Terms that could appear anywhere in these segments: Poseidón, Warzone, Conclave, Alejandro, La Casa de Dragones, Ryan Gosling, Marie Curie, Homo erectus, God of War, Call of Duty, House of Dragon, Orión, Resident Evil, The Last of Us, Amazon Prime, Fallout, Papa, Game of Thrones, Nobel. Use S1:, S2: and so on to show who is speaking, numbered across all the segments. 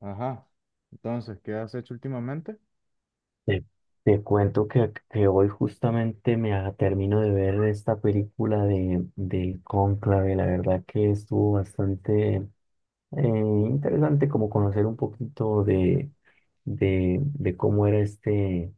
S1: Ajá. Entonces, ¿qué has hecho últimamente?
S2: Te, te cuento que hoy justamente termino de ver esta película del Cónclave. La verdad que estuvo bastante interesante como conocer un poquito de cómo era este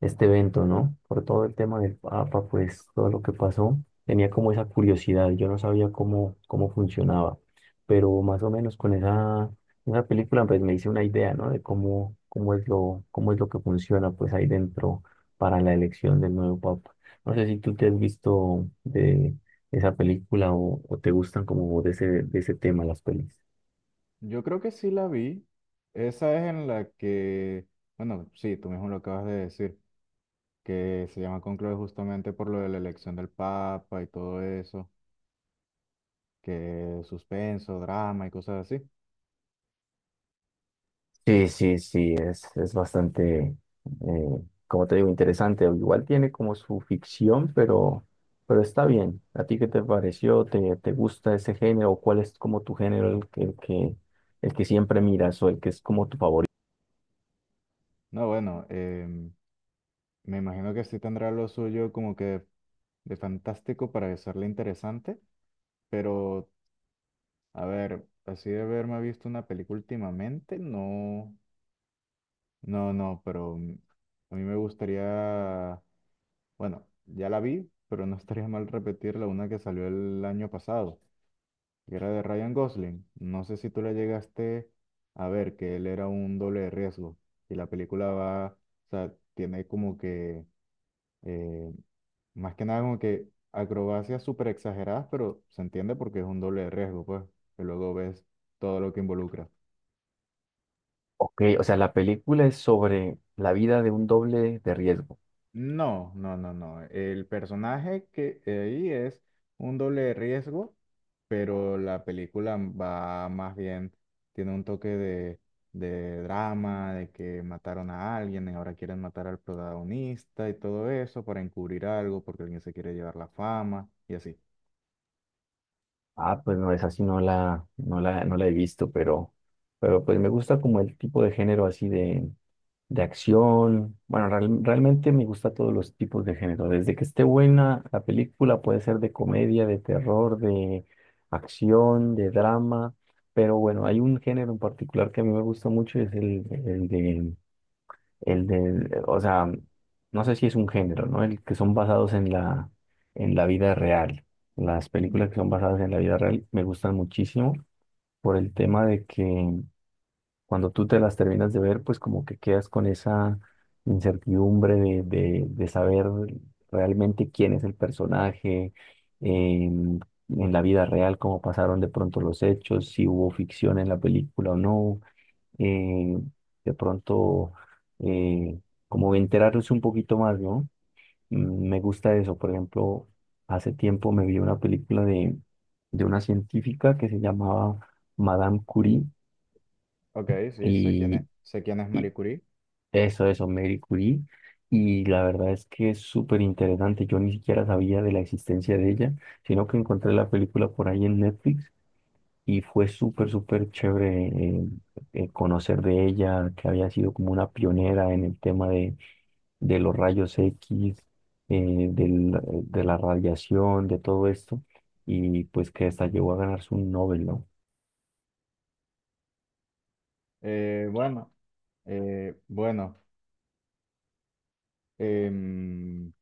S2: este evento, ¿no? Por todo el tema del Papa, pues todo lo que pasó, tenía como esa curiosidad, yo no sabía cómo funcionaba, pero más o menos con esa película pues me hice una idea, ¿no? De cómo es lo que funciona pues ahí dentro para la elección del nuevo Papa. No sé si tú te has visto de esa película o te gustan como de de ese tema las pelis.
S1: Yo creo que sí la vi. Esa es en la que, bueno, sí, tú mismo lo acabas de decir, que se llama Conclave justamente por lo de la elección del Papa y todo eso, que suspenso, drama y cosas así.
S2: Sí, sí, sí, es bastante, eh, como te digo, interesante. Igual tiene como su ficción, pero está bien. ¿A ti qué te pareció? ¿Te gusta ese género? ¿Cuál es como tu género, el que siempre miras o el que es como tu favorito?
S1: No, bueno, me imagino que sí tendrá lo suyo como que de fantástico para hacerle interesante, pero a ver, así de haberme visto una película últimamente, no. No, no, pero a mí me gustaría, bueno, ya la vi, pero no estaría mal repetirla, una que salió el año pasado, que era de Ryan Gosling. No sé si tú la llegaste a ver, que él era un doble de riesgo y la película va, o sea, tiene como que, eh, más que nada como que acrobacias súper exageradas, pero se entiende porque es un doble de riesgo, pues, que luego ves todo lo que involucra.
S2: Ok, o sea, la película es sobre la vida de un doble de riesgo.
S1: No, no, no, no. El personaje que ahí es un doble de riesgo, pero la película va más bien, tiene un toque de drama, de que mataron a alguien y ahora quieren matar al protagonista y todo eso para encubrir algo porque alguien se quiere llevar la fama y así.
S2: Ah, pues no, es así, no la he visto, pero pues me gusta como el tipo de género así de acción. Bueno, realmente me gusta todos los tipos de género. Desde que esté buena la película, puede ser de comedia, de terror, de acción, de drama. Pero bueno, hay un género en particular que a mí me gusta mucho, es o sea, no sé si es un género, ¿no? El que son basados en en la vida real. Las
S1: Ujú.
S2: películas que son basadas en la vida real me gustan muchísimo por el tema de que cuando tú te las terminas de ver, pues como que quedas con esa incertidumbre de saber realmente quién es el personaje, em, en la vida real, cómo pasaron de pronto los hechos, si hubo ficción en la película o no, eh, de pronto eh, como enterarse un poquito más, ¿no? Me gusta eso, por ejemplo, hace tiempo me vi una película de una científica que se llamaba Madame Curie
S1: Ok, sí,
S2: y,
S1: sé quién es
S2: y
S1: Marie Curie.
S2: Eso, eso, Marie Curie. Y la verdad es que es súper interesante. Yo ni siquiera sabía de la existencia de ella, sino que encontré la película por ahí en Netflix y fue súper, súper chévere conocer de ella, que había sido como una pionera en el tema de los rayos X, de la radiación, de todo esto, y pues que hasta llegó a ganarse un Nobel, ¿no?
S1: Bueno, bueno, em,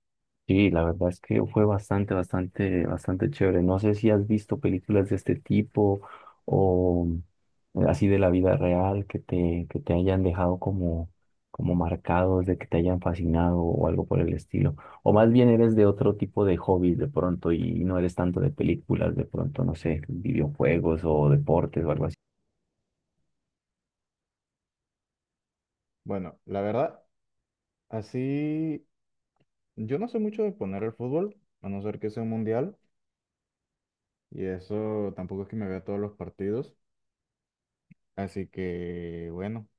S2: Sí, la verdad es que fue bastante, bastante, bastante chévere. No sé si has visto películas de este tipo o así de la vida real que que te hayan dejado como, como marcados, de que te hayan fascinado o algo por el estilo. O más bien eres de otro tipo de hobbies de pronto y no eres tanto de películas, de pronto, no sé, videojuegos o deportes o algo así.
S1: bueno, la verdad, así. Yo no sé mucho de poner el fútbol, a no ser que sea un mundial, y eso tampoco es que me vea todos los partidos. Así que, bueno,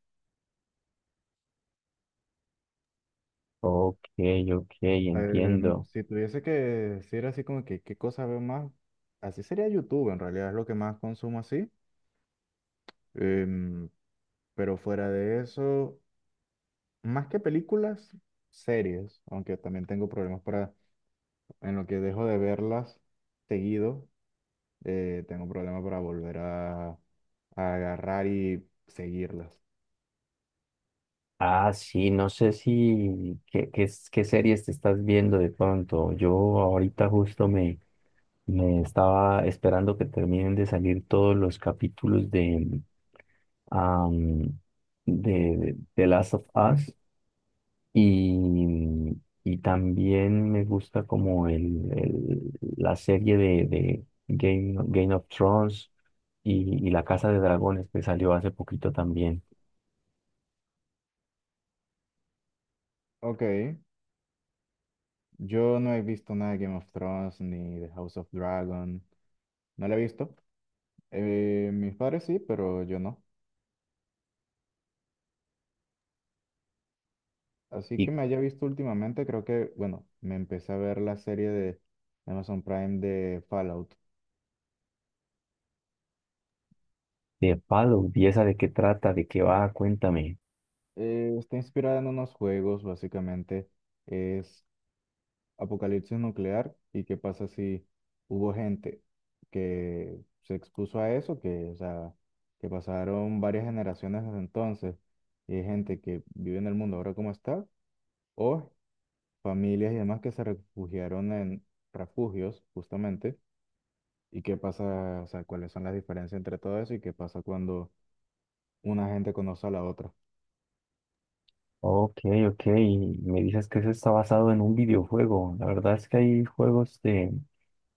S2: Ok, ok, entiendo.
S1: si tuviese que decir así como que qué cosa veo más, así sería YouTube, en realidad es lo que más consumo así. Em, pero fuera de eso, más que películas, series, aunque también tengo problemas para, en lo que dejo de verlas seguido, tengo problemas para volver a agarrar y seguirlas.
S2: Ah, sí, no sé si qué series te estás viendo de pronto. Yo ahorita justo me estaba esperando que terminen de salir todos los capítulos am, de The Last of Us y, y también me gusta como la serie de Game of Thrones y La Casa de Dragones que salió hace poquito también.
S1: Ok, yo no he visto nada de Game of Thrones ni de House of Dragon. No la he visto. Mis padres sí, pero yo no. Así que me haya visto últimamente, creo que, bueno, me empecé a ver la serie de Amazon Prime de Fallout.
S2: De Palo, ¿y esa de qué trata? ¿De qué va? Cuéntame.
S1: Está inspirada en unos juegos, básicamente. Es apocalipsis nuclear y qué pasa si hubo gente que se expuso a eso, que, o sea, que pasaron varias generaciones desde entonces y hay gente que vive en el mundo ahora como está o familias y demás que se refugiaron en refugios, justamente, y qué pasa, o sea, cuáles son las diferencias entre todo eso y qué pasa cuando una gente conoce a la otra.
S2: Ok, ok, me dices que eso está basado en un videojuego. La verdad es que hay juegos de,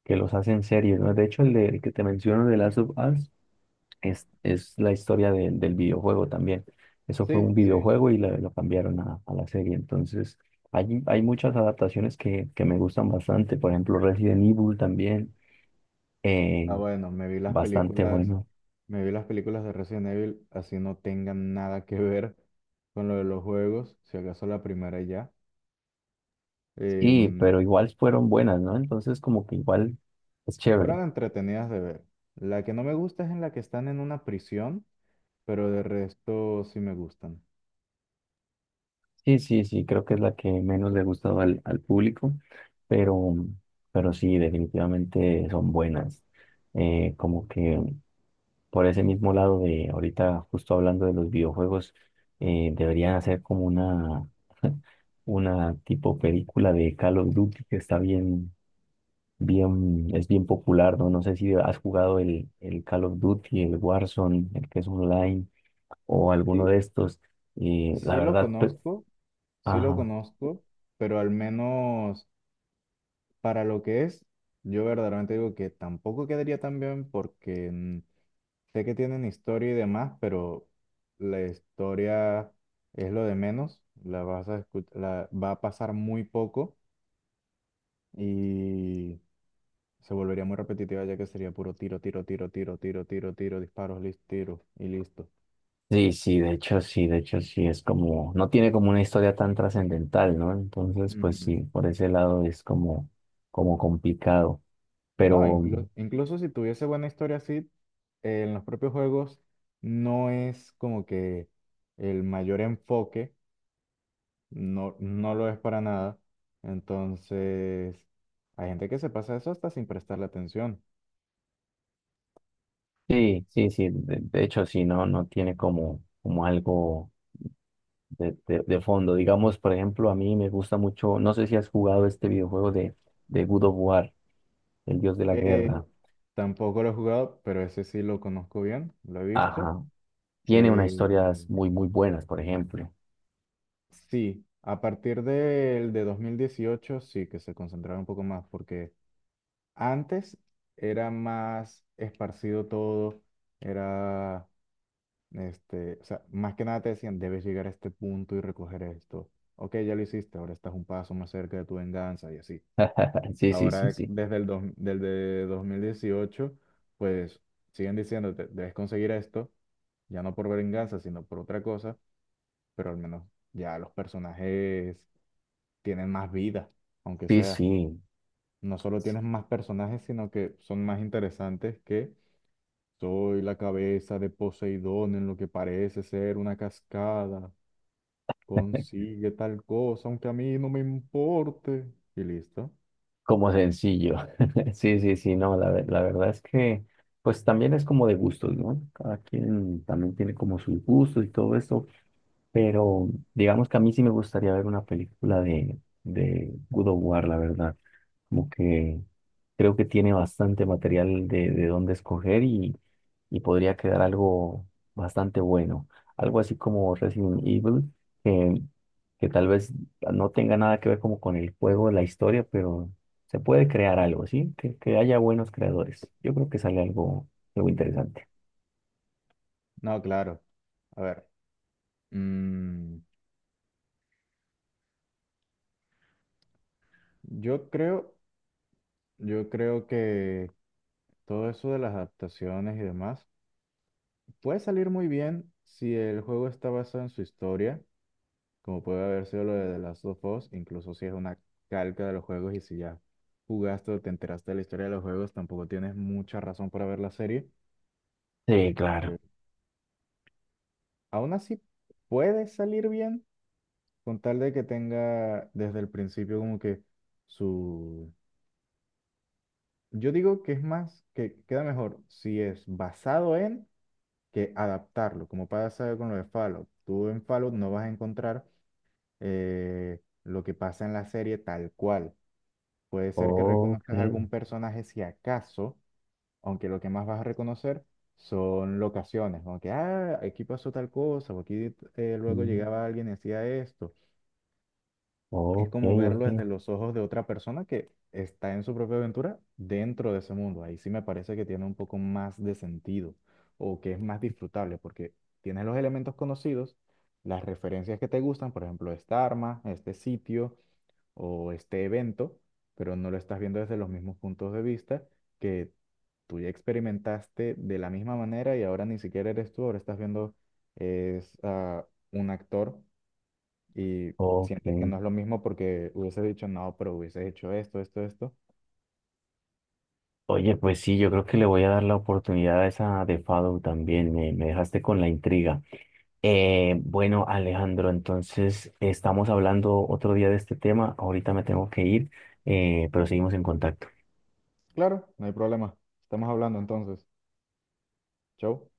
S2: que los hacen series, ¿no? De hecho, el que te menciono de Last of Us es la historia del videojuego también. Eso fue
S1: Sí,
S2: un
S1: sí.
S2: videojuego y lo cambiaron a la serie. Entonces, hay muchas adaptaciones que me gustan bastante. Por ejemplo, Resident Evil también, eh,
S1: Ah, bueno,
S2: bastante bueno.
S1: me vi las películas de Resident Evil, así no tengan nada que ver con lo de los juegos, si acaso la primera y ya.
S2: Sí,
S1: Em,
S2: pero igual fueron buenas, ¿no? Entonces como que igual es
S1: fueron
S2: chévere.
S1: entretenidas de ver. La que no me gusta es en la que están en una prisión, pero de resto sí me gustan.
S2: Sí, sí, sí, creo que es la que menos le ha gustado al público, pero, pero sí, definitivamente son buenas. Como que por ese mismo lado de ahorita, justo hablando de los videojuegos, deberían hacer como una, una tipo película de Call of Duty que está bien, bien, es bien popular, ¿no? No sé si has jugado el Call of Duty, el Warzone, el que es online o alguno
S1: Sí.
S2: de estos. Y la
S1: Sí lo
S2: verdad,
S1: conozco, sí lo
S2: ajá.
S1: conozco, pero al menos para lo que es, yo verdaderamente digo que tampoco quedaría tan bien porque sé que tienen historia y demás, pero la historia es lo de menos, la va a pasar muy poco y se volvería muy repetitiva ya que sería puro tiro, tiro, tiro, tiro, tiro, tiro, tiro, disparos, listo, tiro y listo.
S2: Sí, sí, de hecho, sí, de hecho, sí, es como, no tiene como una historia tan trascendental, ¿no? Entonces, pues sí, por ese lado es como, como complicado.
S1: No,
S2: Pero
S1: incluso si tuviese buena historia así, en los propios juegos no es como que el mayor enfoque, no lo es para nada. Entonces, hay gente que se pasa eso hasta sin prestarle atención.
S2: sí, sí, sí, de hecho, sí, no, no tiene como, como algo de fondo. Digamos, por ejemplo, a mí me gusta mucho, no sé si has jugado este videojuego de God of War, el dios de la
S1: Eh,
S2: guerra.
S1: tampoco lo he jugado, pero ese sí lo conozco bien, lo he visto.
S2: Ajá. Tiene unas
S1: Eh,
S2: historias muy, muy buenas, por ejemplo.
S1: sí, a partir del de 2018 sí que se concentraron un poco más porque antes era más esparcido todo, era, este, o sea, más que nada te decían, debes llegar a este punto y recoger esto. Ok, ya lo hiciste, ahora estás un paso más cerca de tu venganza y así.
S2: Sí, sí, sí,
S1: Ahora,
S2: sí.
S1: desde 2018 pues siguen diciéndote, debes conseguir esto, ya no por venganza, sino por otra cosa, pero al menos ya los personajes tienen más vida, aunque
S2: Sí,
S1: sea.
S2: sí,
S1: No solo tienes más personajes, sino que son más interesantes que. Soy la cabeza de Poseidón en lo que parece ser una cascada. Consigue tal cosa, aunque a mí no me importe. Y listo.
S2: como sencillo. Sí, sí, sí, no, la verdad es pues también es como de gustos, ¿no? Cada quien también tiene como sus gustos y todo eso, pero digamos que a mí sí me gustaría ver una película de God of War, la verdad. Como que creo que tiene bastante material de dónde escoger y podría quedar algo bastante bueno. Algo así como Resident Evil. que, que tal vez no tenga nada que ver como con el juego, la historia, pero se puede crear algo, ¿sí? Que haya buenos creadores. Yo creo que sale algo, algo interesante.
S1: No, claro. A ver. mm, yo creo, yo creo que todo eso de las adaptaciones y demás puede salir muy bien si el juego está basado en su historia, como puede haber sido lo de The Last of Us, incluso si es una calca de los juegos y si ya jugaste o te enteraste de la historia de los juegos, tampoco tienes mucha razón para ver la serie.
S2: Sí,
S1: Eh,
S2: claro.
S1: aún así, puede salir bien con tal de que tenga desde el principio como que su... Yo digo que es más, que queda mejor si es basado en que adaptarlo, como pasa con lo de Fallout. Tú en Fallout no vas a encontrar, lo que pasa en la serie tal cual. Puede ser que
S2: Ok,
S1: reconozcas algún personaje si acaso, aunque lo que más vas a reconocer son locaciones, como que, ah, aquí pasó tal cosa, o aquí, luego
S2: mm,
S1: llegaba alguien y hacía esto. Es
S2: ok,
S1: como
S2: ok,
S1: verlo desde los ojos de otra persona que está en su propia aventura dentro de ese mundo. Ahí sí me parece que tiene un poco más de sentido o que es más disfrutable porque tienes los elementos conocidos, las referencias que te gustan, por ejemplo, esta arma, este sitio o este evento, pero no lo estás viendo desde los mismos puntos de vista que tú ya experimentaste de la misma manera y ahora ni siquiera eres tú, ahora estás viendo es, a un actor, y
S2: ok.
S1: sientes que no es lo mismo porque hubieses dicho no, pero hubieses hecho esto, esto, esto.
S2: Oye, pues sí, yo creo que le voy a dar la oportunidad a esa de Fado también. Me dejaste con la intriga. Bueno, Alejandro, entonces estamos hablando otro día de este tema. Ahorita me tengo que ir, pero seguimos en contacto.
S1: Claro, no hay problema. Estamos hablando entonces. Chau.